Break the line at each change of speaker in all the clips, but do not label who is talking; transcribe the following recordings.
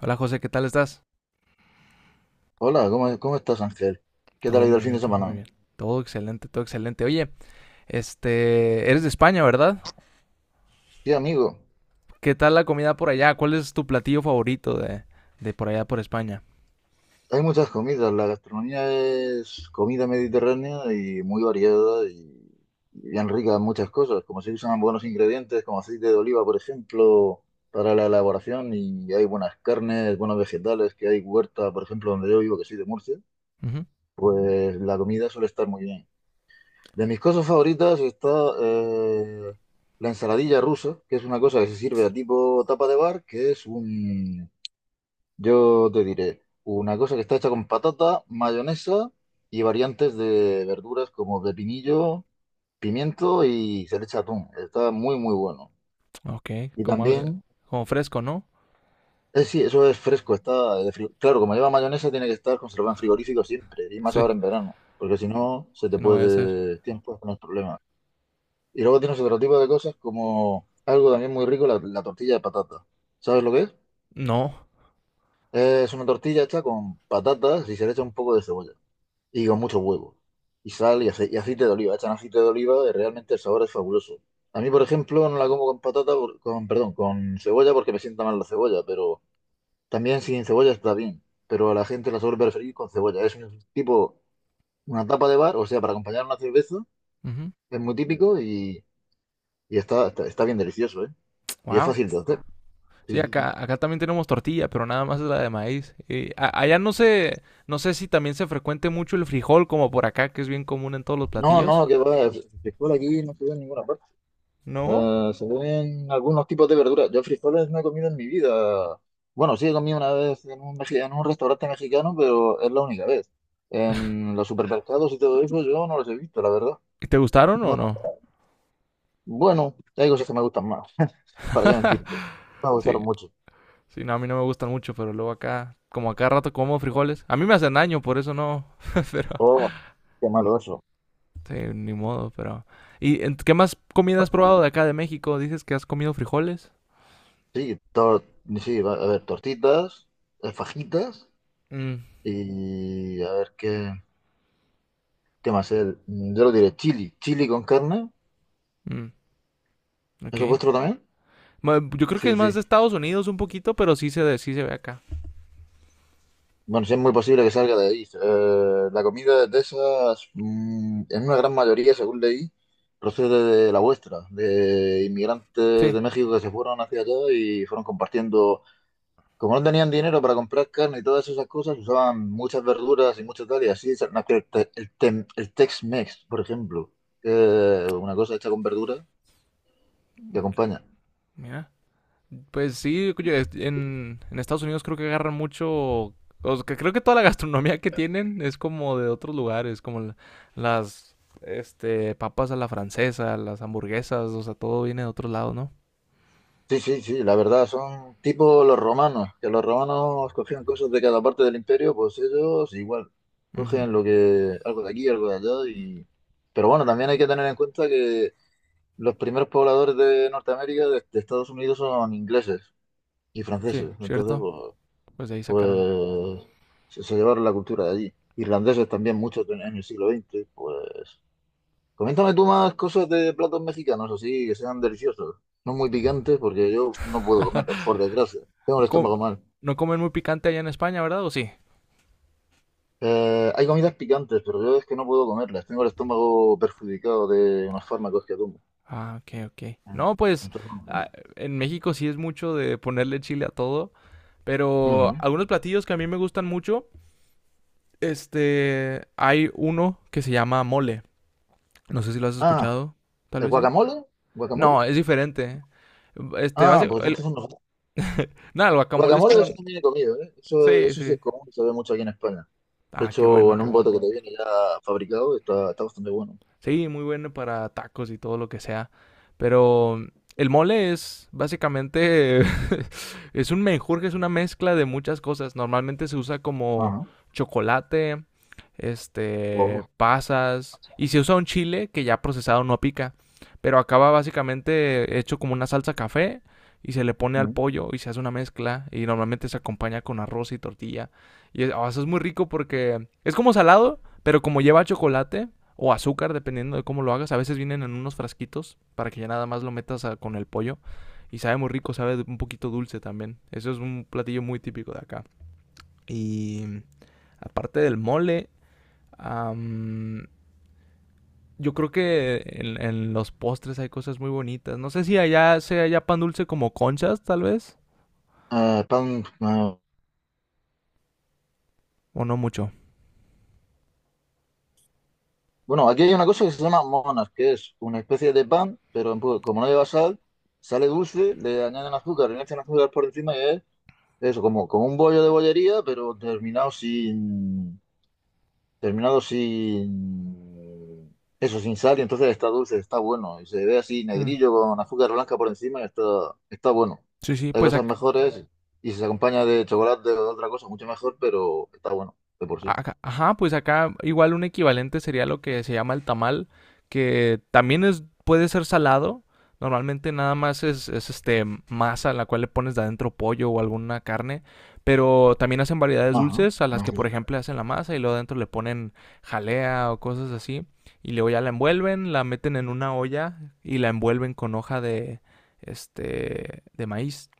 Hola José, ¿qué tal estás?
Hola, ¿cómo estás, Ángel? ¿Qué tal
Todo
ha ido el
muy
fin de
bien, todo muy
semana?
bien. Todo excelente, todo excelente. Oye, eres de España, ¿verdad?
Sí, amigo,
¿Qué tal la comida por allá? ¿Cuál es tu platillo favorito de por allá por España?
hay muchas comidas. La gastronomía es comida mediterránea y muy variada y bien rica en muchas cosas, como se usan buenos ingredientes como aceite de oliva, por ejemplo, para la elaboración, y hay buenas carnes, buenos vegetales, que hay huerta, por ejemplo, donde yo vivo, que soy de Murcia,
Ujú.
pues la comida suele estar muy bien. De mis cosas favoritas está eh, la ensaladilla rusa, que es una cosa que se sirve a tipo tapa de bar, que es un... Yo te diré, una cosa que está hecha con patata, mayonesa y variantes de verduras como pepinillo, pimiento, y se le echa atún. Está muy, muy bueno.
Ok,
Y
como algo-
también,
como fresco, ¿no?
sí, eso es fresco, está de claro, como lleva mayonesa, tiene que estar conservado en frigorífico siempre, y más
Sí,
ahora en verano, porque si no, se te
si no vaya a ser.
puede tiempo con el problemas. Y luego tienes otro tipo de cosas como algo también muy rico, la tortilla de patata. ¿Sabes lo que es?
No.
Es una tortilla hecha con patatas y se le echa un poco de cebolla, y con mucho huevo. Y sal y, y aceite de oliva. Echan aceite de oliva y realmente el sabor es fabuloso. A mí, por ejemplo, no la como con patata, con, perdón, con cebolla, porque me sienta mal la cebolla, pero también sin cebolla está bien. Pero a la gente la suele preferir con cebolla. Es un tipo, una tapa de bar, o sea, para acompañar una cerveza,
Ujú.
es muy típico y, y está bien delicioso, ¿eh? Y es
Wow.
fácil de hacer.
Sí,
Sí, sí, sí.
acá también tenemos tortilla, pero nada más es la de maíz. Allá no sé si también se frecuente mucho el frijol como por acá, que es bien común en todos los
No,
platillos.
no, que va, se aquí no se ve en ninguna parte.
¿No?
Se ven algunos tipos de verduras. Yo frijoles no he comido en mi vida. Bueno, sí he comido una vez en un, en un restaurante mexicano, pero es la única vez. En los supermercados y todo eso yo no los he visto, la verdad.
¿Y te gustaron
No,
o
no.
no?
Bueno, hay cosas que me gustan más. ¿Para qué mentirte? Me
Sí,
gustaron mucho.
sí, no, a mí no me gustan mucho, pero luego acá, como acá rato como frijoles. A mí me hacen daño, por eso no. Pero,
Oh, qué malo eso.
sí, ni modo, pero. ¿Y qué más comida has probado de acá de México? Dices que has comido frijoles.
Sí, sí, a ver, tortitas, fajitas
Mm,
y a ver qué más. El, yo lo diré, chili. Chili con carne.
mm, ok.
¿Eso es vuestro también?
Yo creo que es
Sí,
más
sí.
de Estados Unidos un poquito, pero sí se ve acá.
Bueno, sí es muy posible que salga de ahí. La comida de Texas, en una gran mayoría, según leí, procede de la vuestra, de inmigrantes
Sí,
de México que se fueron hacia allá y fueron compartiendo. Como no tenían dinero para comprar carne y todas esas cosas, usaban muchas verduras y mucho tal, y así nació el, el Tex-Mex, por ejemplo, que es una cosa hecha con verduras que acompaña.
mira. Pues sí, en Estados Unidos creo que agarran mucho, o sea, que creo que toda la gastronomía que tienen es como de otros lugares, como las papas a la francesa, las hamburguesas, o sea, todo viene de otros lados, ¿no?
Sí, sí, sí, la verdad, son tipo los romanos, que los romanos cogían cosas de cada parte del imperio, pues ellos igual,
Ujú.
cogen lo que, algo de aquí, algo de allá, y... Pero bueno, también hay que tener en cuenta que los primeros pobladores de Norteamérica, de Estados Unidos, son ingleses y
Sí,
franceses, entonces,
cierto.
pues,
Pues de ahí sacaron.
pues se llevaron la cultura de allí. Irlandeses también, muchos en el siglo XX, pues... Coméntame tú más cosas de platos mexicanos, así que sean deliciosos. No muy picantes, porque yo no puedo comerlos, por desgracia. Tengo
No,
el estómago mal.
no comen muy picante allá en España, ¿verdad? ¿O sí?
Hay comidas picantes, pero yo es que no puedo comerlas. Tengo el estómago perjudicado de unos fármacos que tomo.
Ah, ok, ok.
Mm,
No, pues
Entonces no
ah,
puedo.
en México sí es mucho de ponerle chile a todo, pero
Ujú.
algunos platillos que a mí me gustan mucho. Hay uno que se llama mole. No sé si lo has
Ah,
escuchado, tal
¿el
vez sí.
guacamole? ¿Guacamole?
No, es diferente. Este,
Ah,
basi-
pues
el-
entonces no.
nada, el guacamole es
Guacamole eso
con...
también he comido, ¿eh? Eso,
Sí,
eso sí
sí.
es común, se ve mucho aquí en España. De
Ah, qué
hecho,
bueno,
en
qué
un
bueno.
bote que te viene ya fabricado, está, está bastante bueno.
Sí, muy bueno para tacos y todo lo que sea. Pero el mole es básicamente, es un menjurje, es una mezcla de muchas cosas. Normalmente se usa como
Ajá.
chocolate,
Oh.
pasas, y se usa un chile que ya procesado no pica, pero acaba básicamente hecho como una salsa café y se le pone al
Mm.
pollo y se hace una mezcla y normalmente se acompaña con arroz y tortilla. Oh, eso es muy rico porque es como salado, pero como lleva chocolate o azúcar, dependiendo de cómo lo hagas. A veces vienen en unos frasquitos para que ya nada más lo metas con el pollo. Y sabe muy rico, sabe un poquito dulce también. Eso es un platillo muy típico de acá. Y aparte del mole, am, yo creo que en los postres hay cosas muy bonitas. No sé si allá sea ya pan dulce como conchas, tal vez,
Eh, pan, eh,
o no mucho.
bueno, aquí hay una cosa que se llama monas, que es una especie de pan, pero en como no lleva sal, sale dulce, le añaden azúcar, le echan azúcar por encima y es eso, como, como un bollo de bollería, pero terminado sin, eso, sin sal, y entonces está dulce, está bueno, y se ve así
Mm,
negrillo con azúcar blanca por encima y está, está bueno.
sí, sí,
Hay
pues
cosas mejores, y si se acompaña de chocolate o de otra cosa, mucho mejor, pero está bueno, de por sí.
ajá, ajá, pues acá igual un equivalente sería lo que se llama el tamal, que también es, puede ser salado. Normalmente nada más es masa a la cual le pones de adentro pollo o alguna carne, pero también hacen variedades
Ajá,
dulces a las
ajá.
que por ejemplo hacen la masa y luego adentro le ponen jalea o cosas así y luego ya la envuelven, la meten en una olla y la envuelven con hoja de de maíz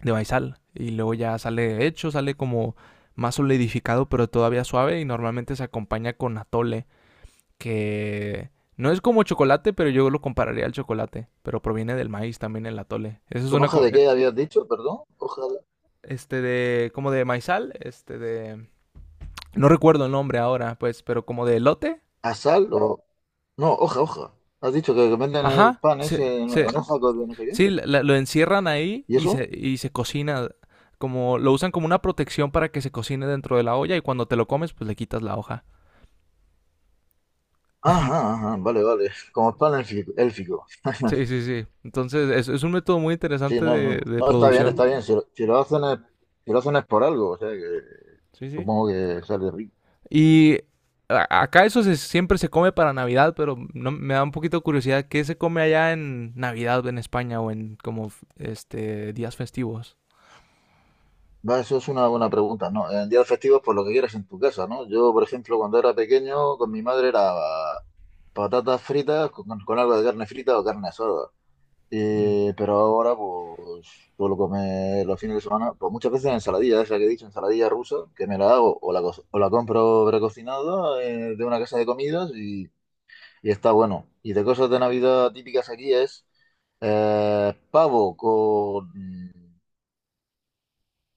de maizal. Y luego ya sale hecho, sale como más solidificado, pero todavía suave. Y normalmente se acompaña con atole, que no es como chocolate, pero yo lo compararía al chocolate. Pero proviene del maíz también el atole. Eso es
¿Con
una.
hoja de qué habías dicho? Perdón, hoja...
Este de. Como de maizal, este de. No recuerdo el nombre ahora, pues, pero como de elote.
¿A sal o...? No, hoja, hoja. Has dicho que venden el
Ajá.
pan ese
Se,
en
se,
hoja con no sé qué.
sí, lo encierran ahí
¿Y
y se,
eso?
y se cocina como lo usan como una protección para que se cocine dentro de la olla y cuando te lo comes pues le quitas la hoja.
Ajá, ajá, vale, vale. Como el pan élfico. Élfico.
Sí, sí, sí. Entonces, es un método muy
Sí,
interesante
no,
de,
no.
de
No, está bien,
producción.
está bien. Si lo, si lo hacen es, si lo hacen es por algo, o sea que
Sí, sí.
supongo que sale rico.
Y acá eso siempre se come para Navidad, pero no, me da un poquito de curiosidad qué se come allá en Navidad en España o en como días festivos.
Va, eso es una buena pregunta, ¿no? En días festivos, por lo que quieras en tu casa, ¿no? Yo, por ejemplo, cuando era pequeño, con mi madre era patatas fritas con algo de carne frita o carne asada.
Mm,
Pero ahora, pues, suelo comer los fines de semana, pues muchas veces ensaladilla, esa que he dicho, ensaladilla rusa, que me la hago o la, o la compro precocinada, de una casa de comidas y está bueno. Y de cosas de Navidad típicas aquí es pavo con...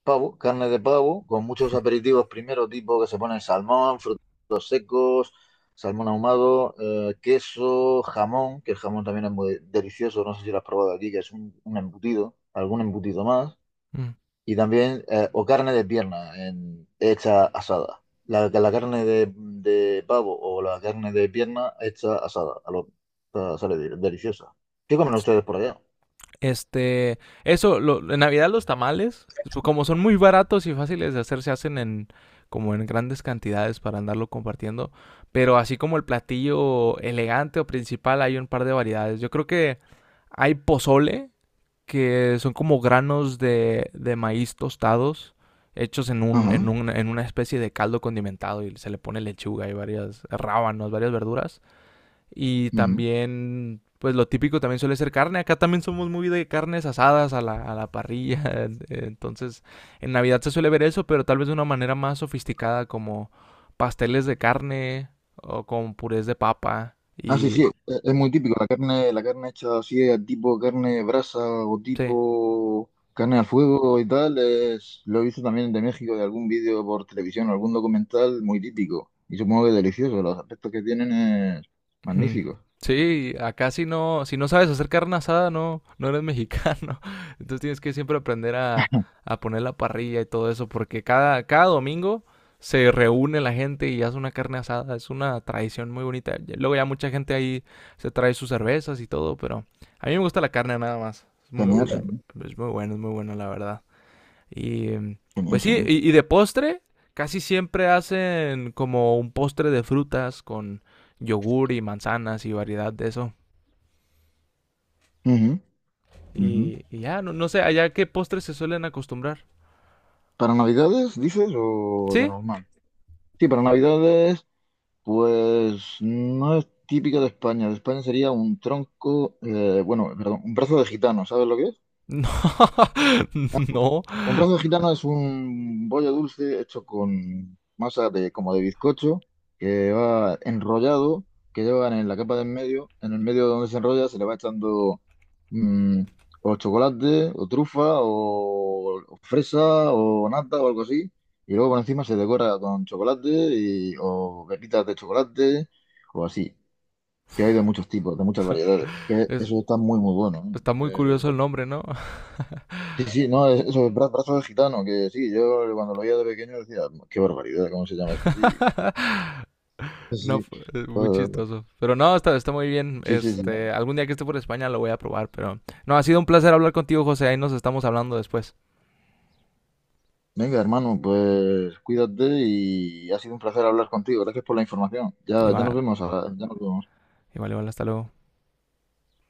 Pavo, carne de pavo, con muchos aperitivos primero, tipo que se ponen salmón, frutos secos, salmón ahumado, queso, jamón, que el jamón también es muy delicioso, no sé si lo has probado aquí, que es un embutido, algún embutido más,
mm.
y también, o carne de pierna, hecha asada. La carne de pavo o la carne de pierna hecha asada, a lo, o sea, sale deliciosa. ¿Qué comen ustedes por allá?
Este, eso, en Navidad los tamales, pues, como son muy baratos y fáciles de hacer, se hacen en como en grandes cantidades para andarlo compartiendo. Pero así como el platillo elegante o principal, hay un par de variedades. Yo creo que hay pozole, que son como granos de maíz tostados, hechos
Ajá.
en una especie de caldo condimentado y se le pone lechuga y varias rábanos, varias verduras. Y
Ujú.
también, pues lo típico también suele ser carne. Acá también somos muy de carnes asadas a la parrilla. Entonces, en Navidad se suele ver eso, pero tal vez de una manera más sofisticada, como pasteles de carne o con purés de papa.
Ah, sí,
Y
sí, es muy típico, la carne hecha así, tipo carne brasa o
sí.
tipo carne al fuego y tal, es, lo he visto también de México, de algún vídeo por televisión, algún documental, muy típico. Y supongo que delicioso, los aspectos que tienen es
Mm,
magníficos.
sí, acá si no sabes hacer carne asada, no, no eres mexicano. Entonces tienes que siempre aprender a poner la parrilla y todo eso, porque cada domingo se reúne la gente y hace una carne asada. Es una tradición muy bonita. Luego ya mucha gente ahí se trae sus cervezas y todo, pero a mí me gusta la carne nada más. Es muy,
Genial,
es
genial,
es muy bueno, es muy bueno, la verdad. Y
genial,
pues sí,
genial.
y de postre, casi siempre hacen como un postre de frutas con yogur y manzanas y variedad de eso.
Ujú, ujú.
Y ya, no, no sé, allá qué postres se suelen acostumbrar.
¿Para Navidades, dices, o de
¿Sí?
normal? Sí, para Navidades, pues no es típico de España sería un tronco, bueno, perdón, un brazo de gitano, ¿sabes lo que es?
No, no.
Un brazo de gitano es un bollo dulce hecho con masa de como de bizcocho que va enrollado, que llevan en la capa de en medio, en el medio donde se enrolla se le va echando mm, o chocolate o trufa o fresa o nata o algo así, y luego por encima se decora con chocolate y, o pepitas de chocolate o así, que hay de muchos tipos, de muchas variedades, que
Es-
eso está muy muy bueno. ¿No?
está muy
¿Eh?
curioso el nombre, ¿no?
Sí, sí, no, eso es brazo de gitano, que sí, yo cuando lo veía de pequeño decía, qué barbaridad, ¿cómo se llama eso? Sí, sí,
No,
sí,
muy
pues,
chistoso. Pero no, está muy bien.
sí, sí, sí.
Algún día que esté por España lo voy a probar, pero no, ha sido un placer hablar contigo, José. Ahí nos estamos hablando después.
Venga, hermano, pues cuídate y ha sido un placer hablar contigo. Gracias por la información. Ya, ya nos
Igual,
vemos, ahora, ya nos vemos.
igual, igual, hasta luego.